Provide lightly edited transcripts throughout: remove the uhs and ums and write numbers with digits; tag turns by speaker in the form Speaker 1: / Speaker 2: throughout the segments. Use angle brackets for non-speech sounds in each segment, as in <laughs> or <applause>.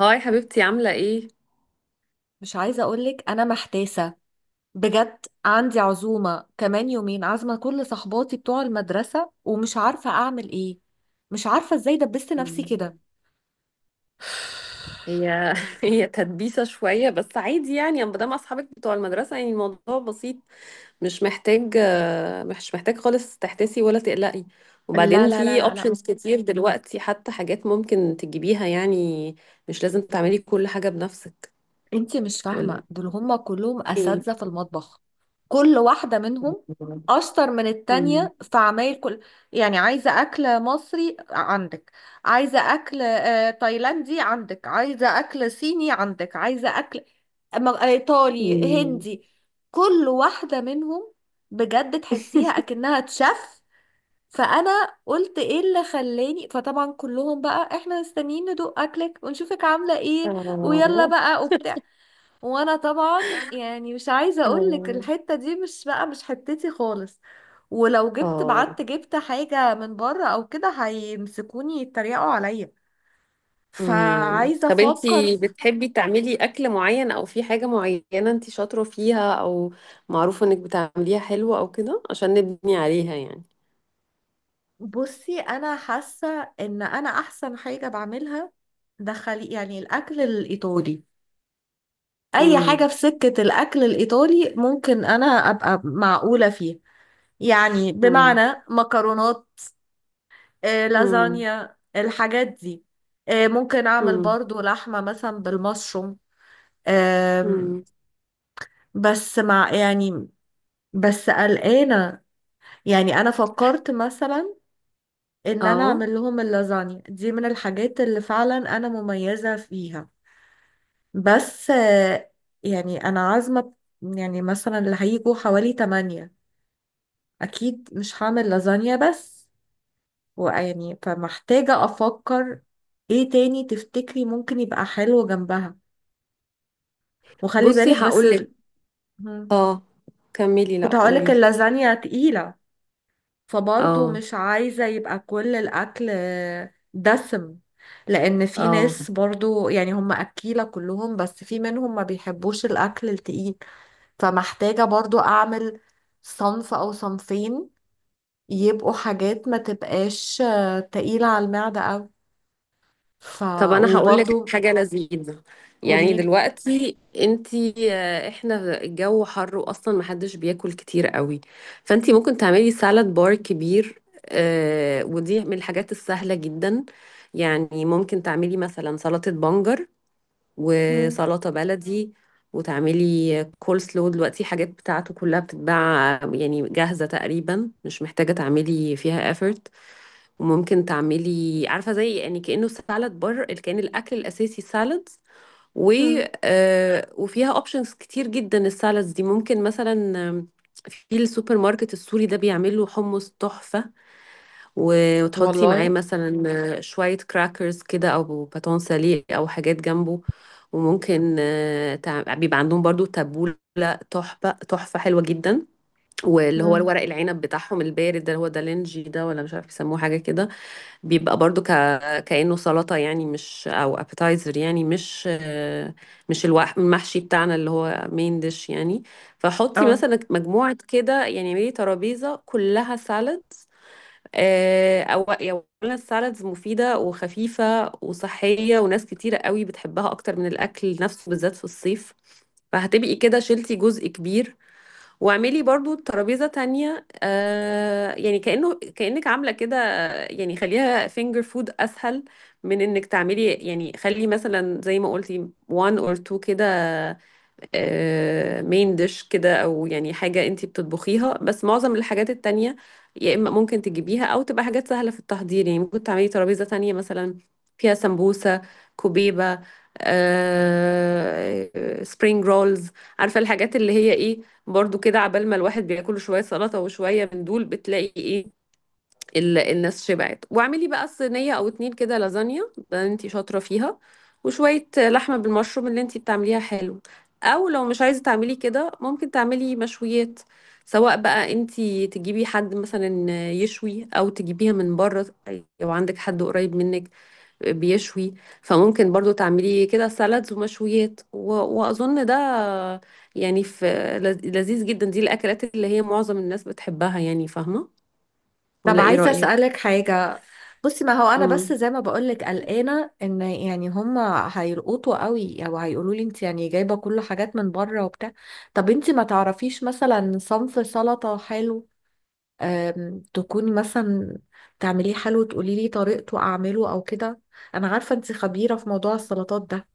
Speaker 1: هاي حبيبتي، عاملة ايه؟
Speaker 2: مش عايزة أقولك، أنا محتاسة بجد. عندي عزومة كمان يومين، عازمة كل صحباتي بتوع المدرسة ومش عارفة أعمل إيه. مش عارفة إزاي دبست نفسي كده.
Speaker 1: هي <laughs> هي تدبيسة شوية بس عادي يعني، ما دام اصحابك بتوع المدرسة يعني الموضوع بسيط. مش محتاج، مش محتاج خالص تحتسي ولا تقلقي.
Speaker 2: لا
Speaker 1: وبعدين
Speaker 2: لا لا
Speaker 1: في
Speaker 2: لا لا،
Speaker 1: اوبشنز كتير دلوقتي، حتى حاجات ممكن تجيبيها يعني. مش لازم تعملي كل حاجة بنفسك.
Speaker 2: انتي مش
Speaker 1: ولا
Speaker 2: فاهمة، دول هما كلهم
Speaker 1: ايه؟
Speaker 2: أساتذة في المطبخ. كل واحدة منهم أشطر من
Speaker 1: مم.
Speaker 2: التانية في عمايل كل. يعني عايزة أكل مصري عندك، عايزة أكل تايلاندي عندك، عايزة أكل صيني عندك، عايزة أكل إيطالي
Speaker 1: مم.
Speaker 2: هندي. كل واحدة منهم بجد تحسيها
Speaker 1: <laughs>
Speaker 2: أكنها تشف. فأنا قلت إيه اللي خلاني، فطبعا كلهم بقى: إحنا مستنيين ندوق أكلك ونشوفك عاملة إيه ويلا
Speaker 1: آه.
Speaker 2: بقى وبتاع. وانا طبعا يعني مش عايزه اقول لك،
Speaker 1: آه.
Speaker 2: الحته دي مش بقى مش حتتي خالص. ولو جبت
Speaker 1: آه.
Speaker 2: بعت جبت حاجه من بره او كده هيمسكوني يتريقوا عليا. فعايزه
Speaker 1: طب
Speaker 2: افكر
Speaker 1: انتي
Speaker 2: في...
Speaker 1: بتحبي تعملي اكل معين، او في حاجة معينة انتي شاطرة فيها او معروفة انك بتعمليها حلوة او كده، عشان نبني عليها يعني.
Speaker 2: بصي، انا حاسه ان انا احسن حاجه بعملها دخلي يعني الاكل الايطالي. اي حاجه
Speaker 1: امم.
Speaker 2: في سكه الاكل الايطالي ممكن انا ابقى معقوله فيها. يعني
Speaker 1: امم.
Speaker 2: بمعنى مكرونات،
Speaker 1: امم.
Speaker 2: لازانيا، الحاجات دي. ممكن اعمل
Speaker 1: امم.
Speaker 2: برضو لحمة مثلا بالمشروم. آم،
Speaker 1: امم.
Speaker 2: بس مع يعني... بس قلقانة. يعني انا فكرت مثلا ان انا
Speaker 1: اه،
Speaker 2: اعمل لهم اللازانيا دي من الحاجات اللي فعلا انا مميزة فيها. بس يعني انا عازمة، يعني مثلا اللي هيجوا حوالي تمانية، اكيد مش هعمل لازانيا بس. ويعني فمحتاجة افكر ايه تاني تفتكري ممكن يبقى حلو جنبها. وخلي
Speaker 1: بصي
Speaker 2: بالك بس
Speaker 1: هقولك.
Speaker 2: مم.
Speaker 1: اه، كملي، لا
Speaker 2: كنت هقولك
Speaker 1: قوليلي.
Speaker 2: اللازانيا تقيلة، فبرضه
Speaker 1: اه.
Speaker 2: مش عايزة يبقى كل الأكل دسم. لأن في
Speaker 1: اه،
Speaker 2: ناس برضه يعني هم أكيلة كلهم، بس في منهم ما بيحبوش الأكل التقيل. فمحتاجة برضو أعمل صنف أو صنفين يبقوا حاجات ما تبقاش تقيلة على المعدة أوي. ف
Speaker 1: طب انا هقول لك
Speaker 2: وبرضو
Speaker 1: حاجه لذيذه. يعني
Speaker 2: قوليلي.
Speaker 1: دلوقتي انتي، احنا الجو حر واصلا محدش بياكل كتير قوي، فانتي ممكن تعملي سالاد بار كبير. ودي من الحاجات السهله جدا. يعني ممكن تعملي مثلا سلطه بنجر
Speaker 2: مم.
Speaker 1: وسلطه بلدي، وتعملي كول سلو. دلوقتي حاجات بتاعته كلها بتتباع يعني جاهزه تقريبا، مش محتاجه تعملي فيها effort. وممكن تعملي، عارفه زي يعني كانه سالاد بار، اللي كان الاكل الاساسي سالادز. و
Speaker 2: مم.
Speaker 1: وفيها اوبشنز كتير جدا السالادز دي. ممكن مثلا، آم، في السوبر ماركت السوري ده بيعمل له حمص تحفه. وتحطي معاه
Speaker 2: والله.
Speaker 1: مثلا شويه كراكرز كده، او باتون ساليه، او حاجات جنبه. وممكن بيبقى عندهم برضو تبوله، تحفه تحفه حلوه جدا. واللي هو
Speaker 2: مم.
Speaker 1: الورق العنب بتاعهم البارد ده، اللي هو دالنجي ده، ولا مش عارف يسموه حاجه كده. بيبقى برضو كأنه سلطة يعني، مش أو appetizer، يعني مش المحشي بتاعنا اللي هو main dish يعني. فحطي
Speaker 2: اه.
Speaker 1: مثلا مجموعة كده، يعني اعملي ترابيزة كلها سالد. أو يعني أولا السالدز مفيدة وخفيفة وصحية، وناس كتيرة قوي بتحبها أكتر من الأكل نفسه، بالذات في الصيف. فهتبقي كده شلتي جزء كبير. واعملي برضو ترابيزة تانية، آه يعني كأنه كأنك عاملة كده، آه يعني خليها finger food، أسهل من إنك تعملي. يعني خلي مثلا زي ما قلتي one or two كده، مين ديش كده، او يعني حاجة انتي بتطبخيها، بس معظم الحاجات التانية يا اما ممكن تجيبيها، او تبقى حاجات سهلة في التحضير. يعني ممكن تعملي ترابيزة تانية مثلا فيها سمبوسة، كوبيبة، سبرينج رولز، عارفة الحاجات اللي هي ايه. برضو كده عبال ما الواحد بياكل شوية سلطة وشوية من دول، بتلاقي ايه، الناس شبعت. واعملي بقى صينية او اتنين كده لازانيا، ده انتي شاطرة فيها، وشوية لحمة بالمشروم اللي انتي بتعمليها حلو. او لو مش عايزة تعملي كده ممكن تعملي مشويات، سواء بقى انتي تجيبي حد مثلا يشوي، او تجيبيها من بره لو عندك حد قريب منك بيشوي. فممكن برضو تعملي كده سلطز ومشويات، واظن ده يعني في لذيذ جدا. دي الاكلات اللي هي معظم الناس بتحبها يعني، فاهمة؟
Speaker 2: طب
Speaker 1: ولا ايه
Speaker 2: عايزة
Speaker 1: رأيك؟
Speaker 2: أسألك حاجة. بصي، ما هو أنا بس
Speaker 1: مم.
Speaker 2: زي ما بقولك قلقانة إن يعني هما هيرقطوا قوي أو هيقولوا لي: أنت يعني جايبة كل حاجات من بره وبتاع. طب أنت ما تعرفيش مثلا صنف سلطة حلو، تكوني مثلا تعمليه حلو تقولي لي طريقته أعمله أو كده؟ أنا عارفة أنت خبيرة في موضوع السلطات ده.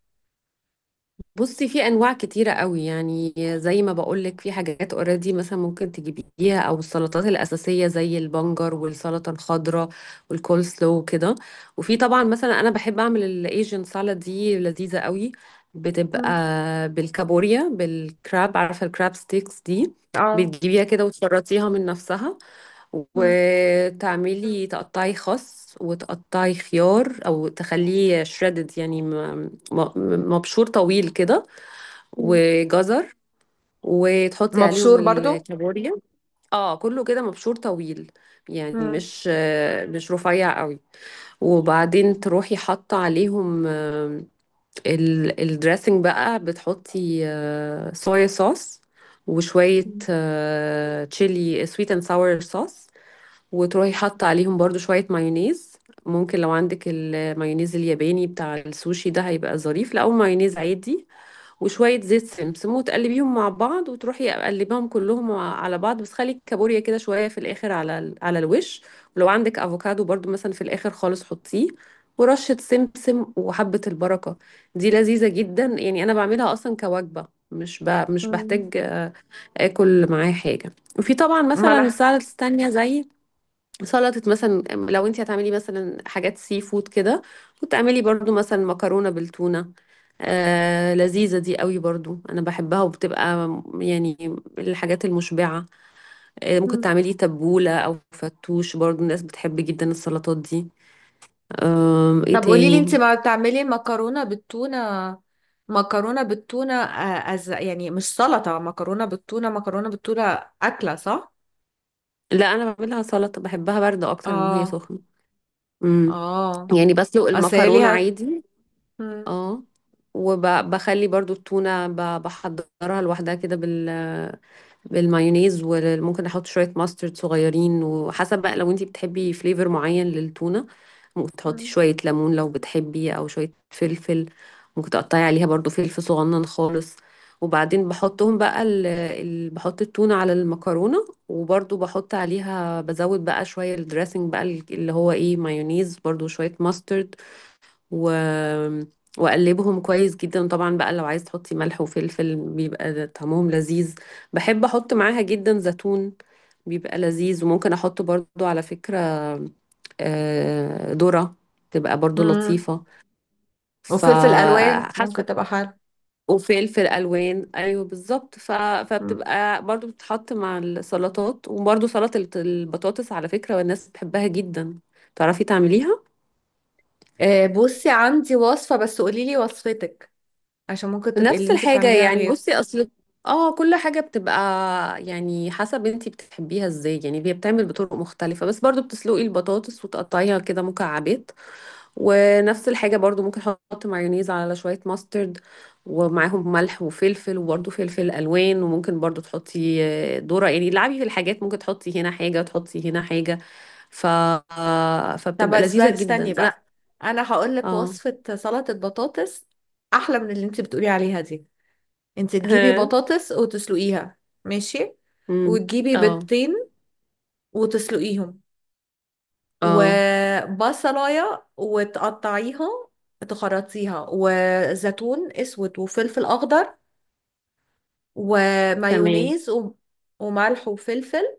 Speaker 1: بصي، في انواع كتيره قوي يعني. زي ما بقولك في حاجات اوريدي مثلا ممكن تجيبيها، او السلطات الاساسيه زي البنجر والسلطه الخضراء والكول سلو وكده. وفي طبعا مثلا، انا بحب اعمل الايجن سالاد، دي لذيذه قوي. بتبقى
Speaker 2: مم.
Speaker 1: بالكابوريا، بالكراب، عارفه الكراب ستيكس دي،
Speaker 2: اه.
Speaker 1: بتجيبيها كده وتشرطيها من نفسها.
Speaker 2: مم.
Speaker 1: وتعملي تقطعي خس، وتقطعي خيار او تخليه شريدد يعني مبشور طويل كده،
Speaker 2: مم.
Speaker 1: وجزر، وتحطي عليهم
Speaker 2: مبشور برضو.
Speaker 1: الكابوريا. اه كله كده مبشور طويل، يعني
Speaker 2: مم.
Speaker 1: مش مش رفيع قوي. وبعدين تروحي حاطه عليهم الدريسنج بقى، بتحطي صويا صوص، وشويه تشيلي سويت اند ساور صوص، وتروحي حاطة عليهم برضو شوية مايونيز. ممكن لو عندك المايونيز الياباني بتاع السوشي ده هيبقى ظريف، لا او مايونيز عادي. وشوية زيت سمسم، وتقلبيهم مع بعض. وتروحي قلبيهم كلهم على بعض، بس خلي الكابوريا كده شوية في الآخر على على الوش. ولو عندك افوكادو برضو مثلا في الآخر خالص حطيه، ورشة سمسم وحبة البركة. دي لذيذة جدا، يعني أنا بعملها أصلا كوجبة، مش مش
Speaker 2: مم.
Speaker 1: بحتاج آكل معاه حاجة. وفي طبعا مثلا
Speaker 2: منح.
Speaker 1: سلطة تانية زي، سلطة مثلا لو انت هتعملي مثلا حاجات سي فود كده. وتعملي برضو مثلا مكرونة بالتونة، آه لذيذة دي قوي برضو انا بحبها. وبتبقى يعني الحاجات المشبعة. آه ممكن تعملي تبولة او فتوش، برضو الناس بتحب جدا السلطات دي. آه، ايه
Speaker 2: طب قولي لي، انت
Speaker 1: تاني؟
Speaker 2: ما بتعملي مكرونه بالتونه، مكرونه بالتونه يعني مش سلطه مكرونه بالتونه، مكرونه بالتونه اكله صح؟
Speaker 1: لا، انا بعملها سلطة، بحبها باردة اكتر من هي
Speaker 2: اه.
Speaker 1: سخنة. امم.
Speaker 2: اه.
Speaker 1: يعني بسلق
Speaker 2: اصل هي
Speaker 1: المكرونة
Speaker 2: ليها...
Speaker 1: عادي.
Speaker 2: مم،
Speaker 1: اه، وبخلي برضو التونة بحضرها لوحدها كده بالمايونيز، وممكن احط شويه ماسترد صغيرين، وحسب بقى لو انتي بتحبي فليفر معين للتونه ممكن تحطي
Speaker 2: مم،
Speaker 1: شويه ليمون لو بتحبي، او شويه فلفل. ممكن تقطعي عليها برضو فلفل صغنن خالص. وبعدين بحطهم بقى بحط التونه على المكرونه، وبرضو بحط عليها بزود بقى شويه الدريسنج بقى، اللي هو ايه، مايونيز برضو، شويه ماسترد، و... واقلبهم كويس جدا. طبعا بقى لو عايز تحطي ملح وفلفل بيبقى ده طعمهم لذيذ. بحب احط معاها جدا زيتون، بيبقى لذيذ. وممكن احط برضو على فكرة ذرة، تبقى برضو
Speaker 2: مم.
Speaker 1: لطيفة.
Speaker 2: وفلفل الوان ممكن
Speaker 1: فحسب.
Speaker 2: تبقى حلو.
Speaker 1: وفلفل الوان ايوه بالظبط،
Speaker 2: مم.
Speaker 1: فبتبقى برضو بتتحط مع السلطات. وبرضو سلطة البطاطس على فكرة، والناس بتحبها جدا، تعرفي تعمليها؟
Speaker 2: بصي عندي وصفه بس قولي لي وصفتك، عشان ممكن تبقي اللي
Speaker 1: نفس
Speaker 2: انت
Speaker 1: الحاجة
Speaker 2: بتعمليها
Speaker 1: يعني.
Speaker 2: غير.
Speaker 1: بصي اصل اه كل حاجة بتبقى يعني حسب انتي بتحبيها ازاي، يعني هي بتعمل بطرق مختلفة، بس برضو بتسلقي البطاطس وتقطعيها كده مكعبات. ونفس الحاجة برضو ممكن احط مايونيز على شوية ماسترد، ومعاهم ملح وفلفل، وبرضو فلفل الوان. وممكن برضو تحطي ذرة، يعني لعبي في الحاجات، ممكن تحطي هنا حاجة وتحطي هنا حاجة. ف
Speaker 2: طب
Speaker 1: فبتبقى
Speaker 2: بس
Speaker 1: لذيذة
Speaker 2: بقى
Speaker 1: جدا.
Speaker 2: استني
Speaker 1: لا،
Speaker 2: بقى، انا هقول لك
Speaker 1: اه.
Speaker 2: وصفه سلطه بطاطس احلى من اللي انت بتقولي عليها دي. انت
Speaker 1: <laughs>
Speaker 2: تجيبي
Speaker 1: ها.
Speaker 2: بطاطس وتسلقيها. ماشي.
Speaker 1: أمم.
Speaker 2: وتجيبي
Speaker 1: اه.
Speaker 2: بيضتين وتسلقيهم،
Speaker 1: اه،
Speaker 2: وبصلاية وتقطعيها تخرطيها، وزيتون اسود، وفلفل اخضر،
Speaker 1: تمام.
Speaker 2: ومايونيز، و... وملح وفلفل.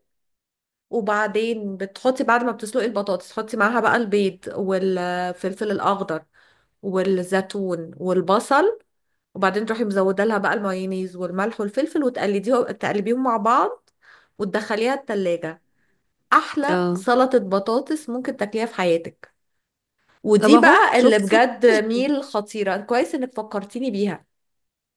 Speaker 2: وبعدين بتحطي بعد ما بتسلقي البطاطس تحطي معاها بقى البيض والفلفل الاخضر والزيتون والبصل. وبعدين تروحي مزوده لها بقى المايونيز والملح والفلفل وتقلديهم تقلبيهم مع بعض وتدخليها التلاجة. احلى
Speaker 1: اه،
Speaker 2: سلطة بطاطس ممكن تاكليها في حياتك.
Speaker 1: طب
Speaker 2: ودي
Speaker 1: اهو
Speaker 2: بقى اللي
Speaker 1: شفت؟
Speaker 2: بجد ميل خطيرة. كويس انك فكرتيني بيها.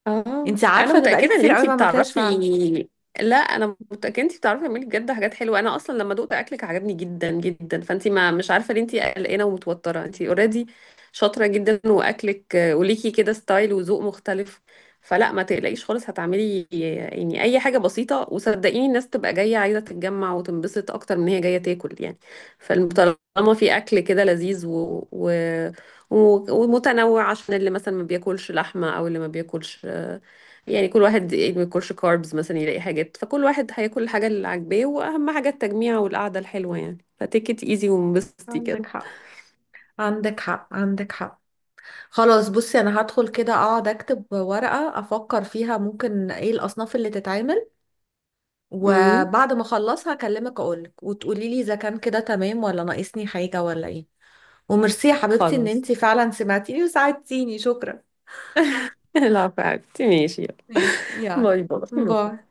Speaker 1: اه
Speaker 2: انت
Speaker 1: انا
Speaker 2: عارفة انا بقالي
Speaker 1: متاكده ان
Speaker 2: كتير قوي
Speaker 1: انتي
Speaker 2: ما عملتهاش فعلا.
Speaker 1: بتعرفي. لا انا متاكده انتي بتعرفي تعملي بجد حاجات حلوه. انا اصلا لما دقت اكلك عجبني جدا جدا، فانتي ما مش عارفه ليه انتي قلقانه ومتوتره. انتي اوريدي شاطره جدا، واكلك وليكي كده ستايل وذوق مختلف. فلا ما تقلقيش خالص، هتعملي يعني اي حاجه بسيطه، وصدقيني الناس تبقى جايه عايزه تتجمع وتنبسط اكتر من هي جايه تاكل يعني. فطالما في اكل كده لذيذ ومتنوع، عشان اللي مثلا ما بياكلش لحمه، او اللي ما بياكلش يعني، كل واحد يعني ما ياكلش كاربز مثلا يلاقي حاجات. فكل واحد هياكل الحاجة اللي عاجباه، واهم حاجة التجميع والقعدة الحلوة يعني. فتيك ات ايزي وانبسطي
Speaker 2: عندك
Speaker 1: كده.
Speaker 2: حق، عندك حق، عندك حق. خلاص، بصي، انا هدخل كده اقعد اكتب ورقة افكر فيها ممكن ايه الاصناف اللي تتعمل.
Speaker 1: امم.
Speaker 2: وبعد ما اخلصها اكلمك اقولك وتقولي لي اذا كان كده تمام ولا ناقصني حاجة ولا ايه. وميرسي يا حبيبتي ان
Speaker 1: خلاص.
Speaker 2: انتي فعلا سمعتيني وساعدتيني. شكرا.
Speaker 1: <laughs> العفو يا حبيبتي، ماشي يلا.
Speaker 2: ماشي يلا.
Speaker 1: باي باي.
Speaker 2: باي.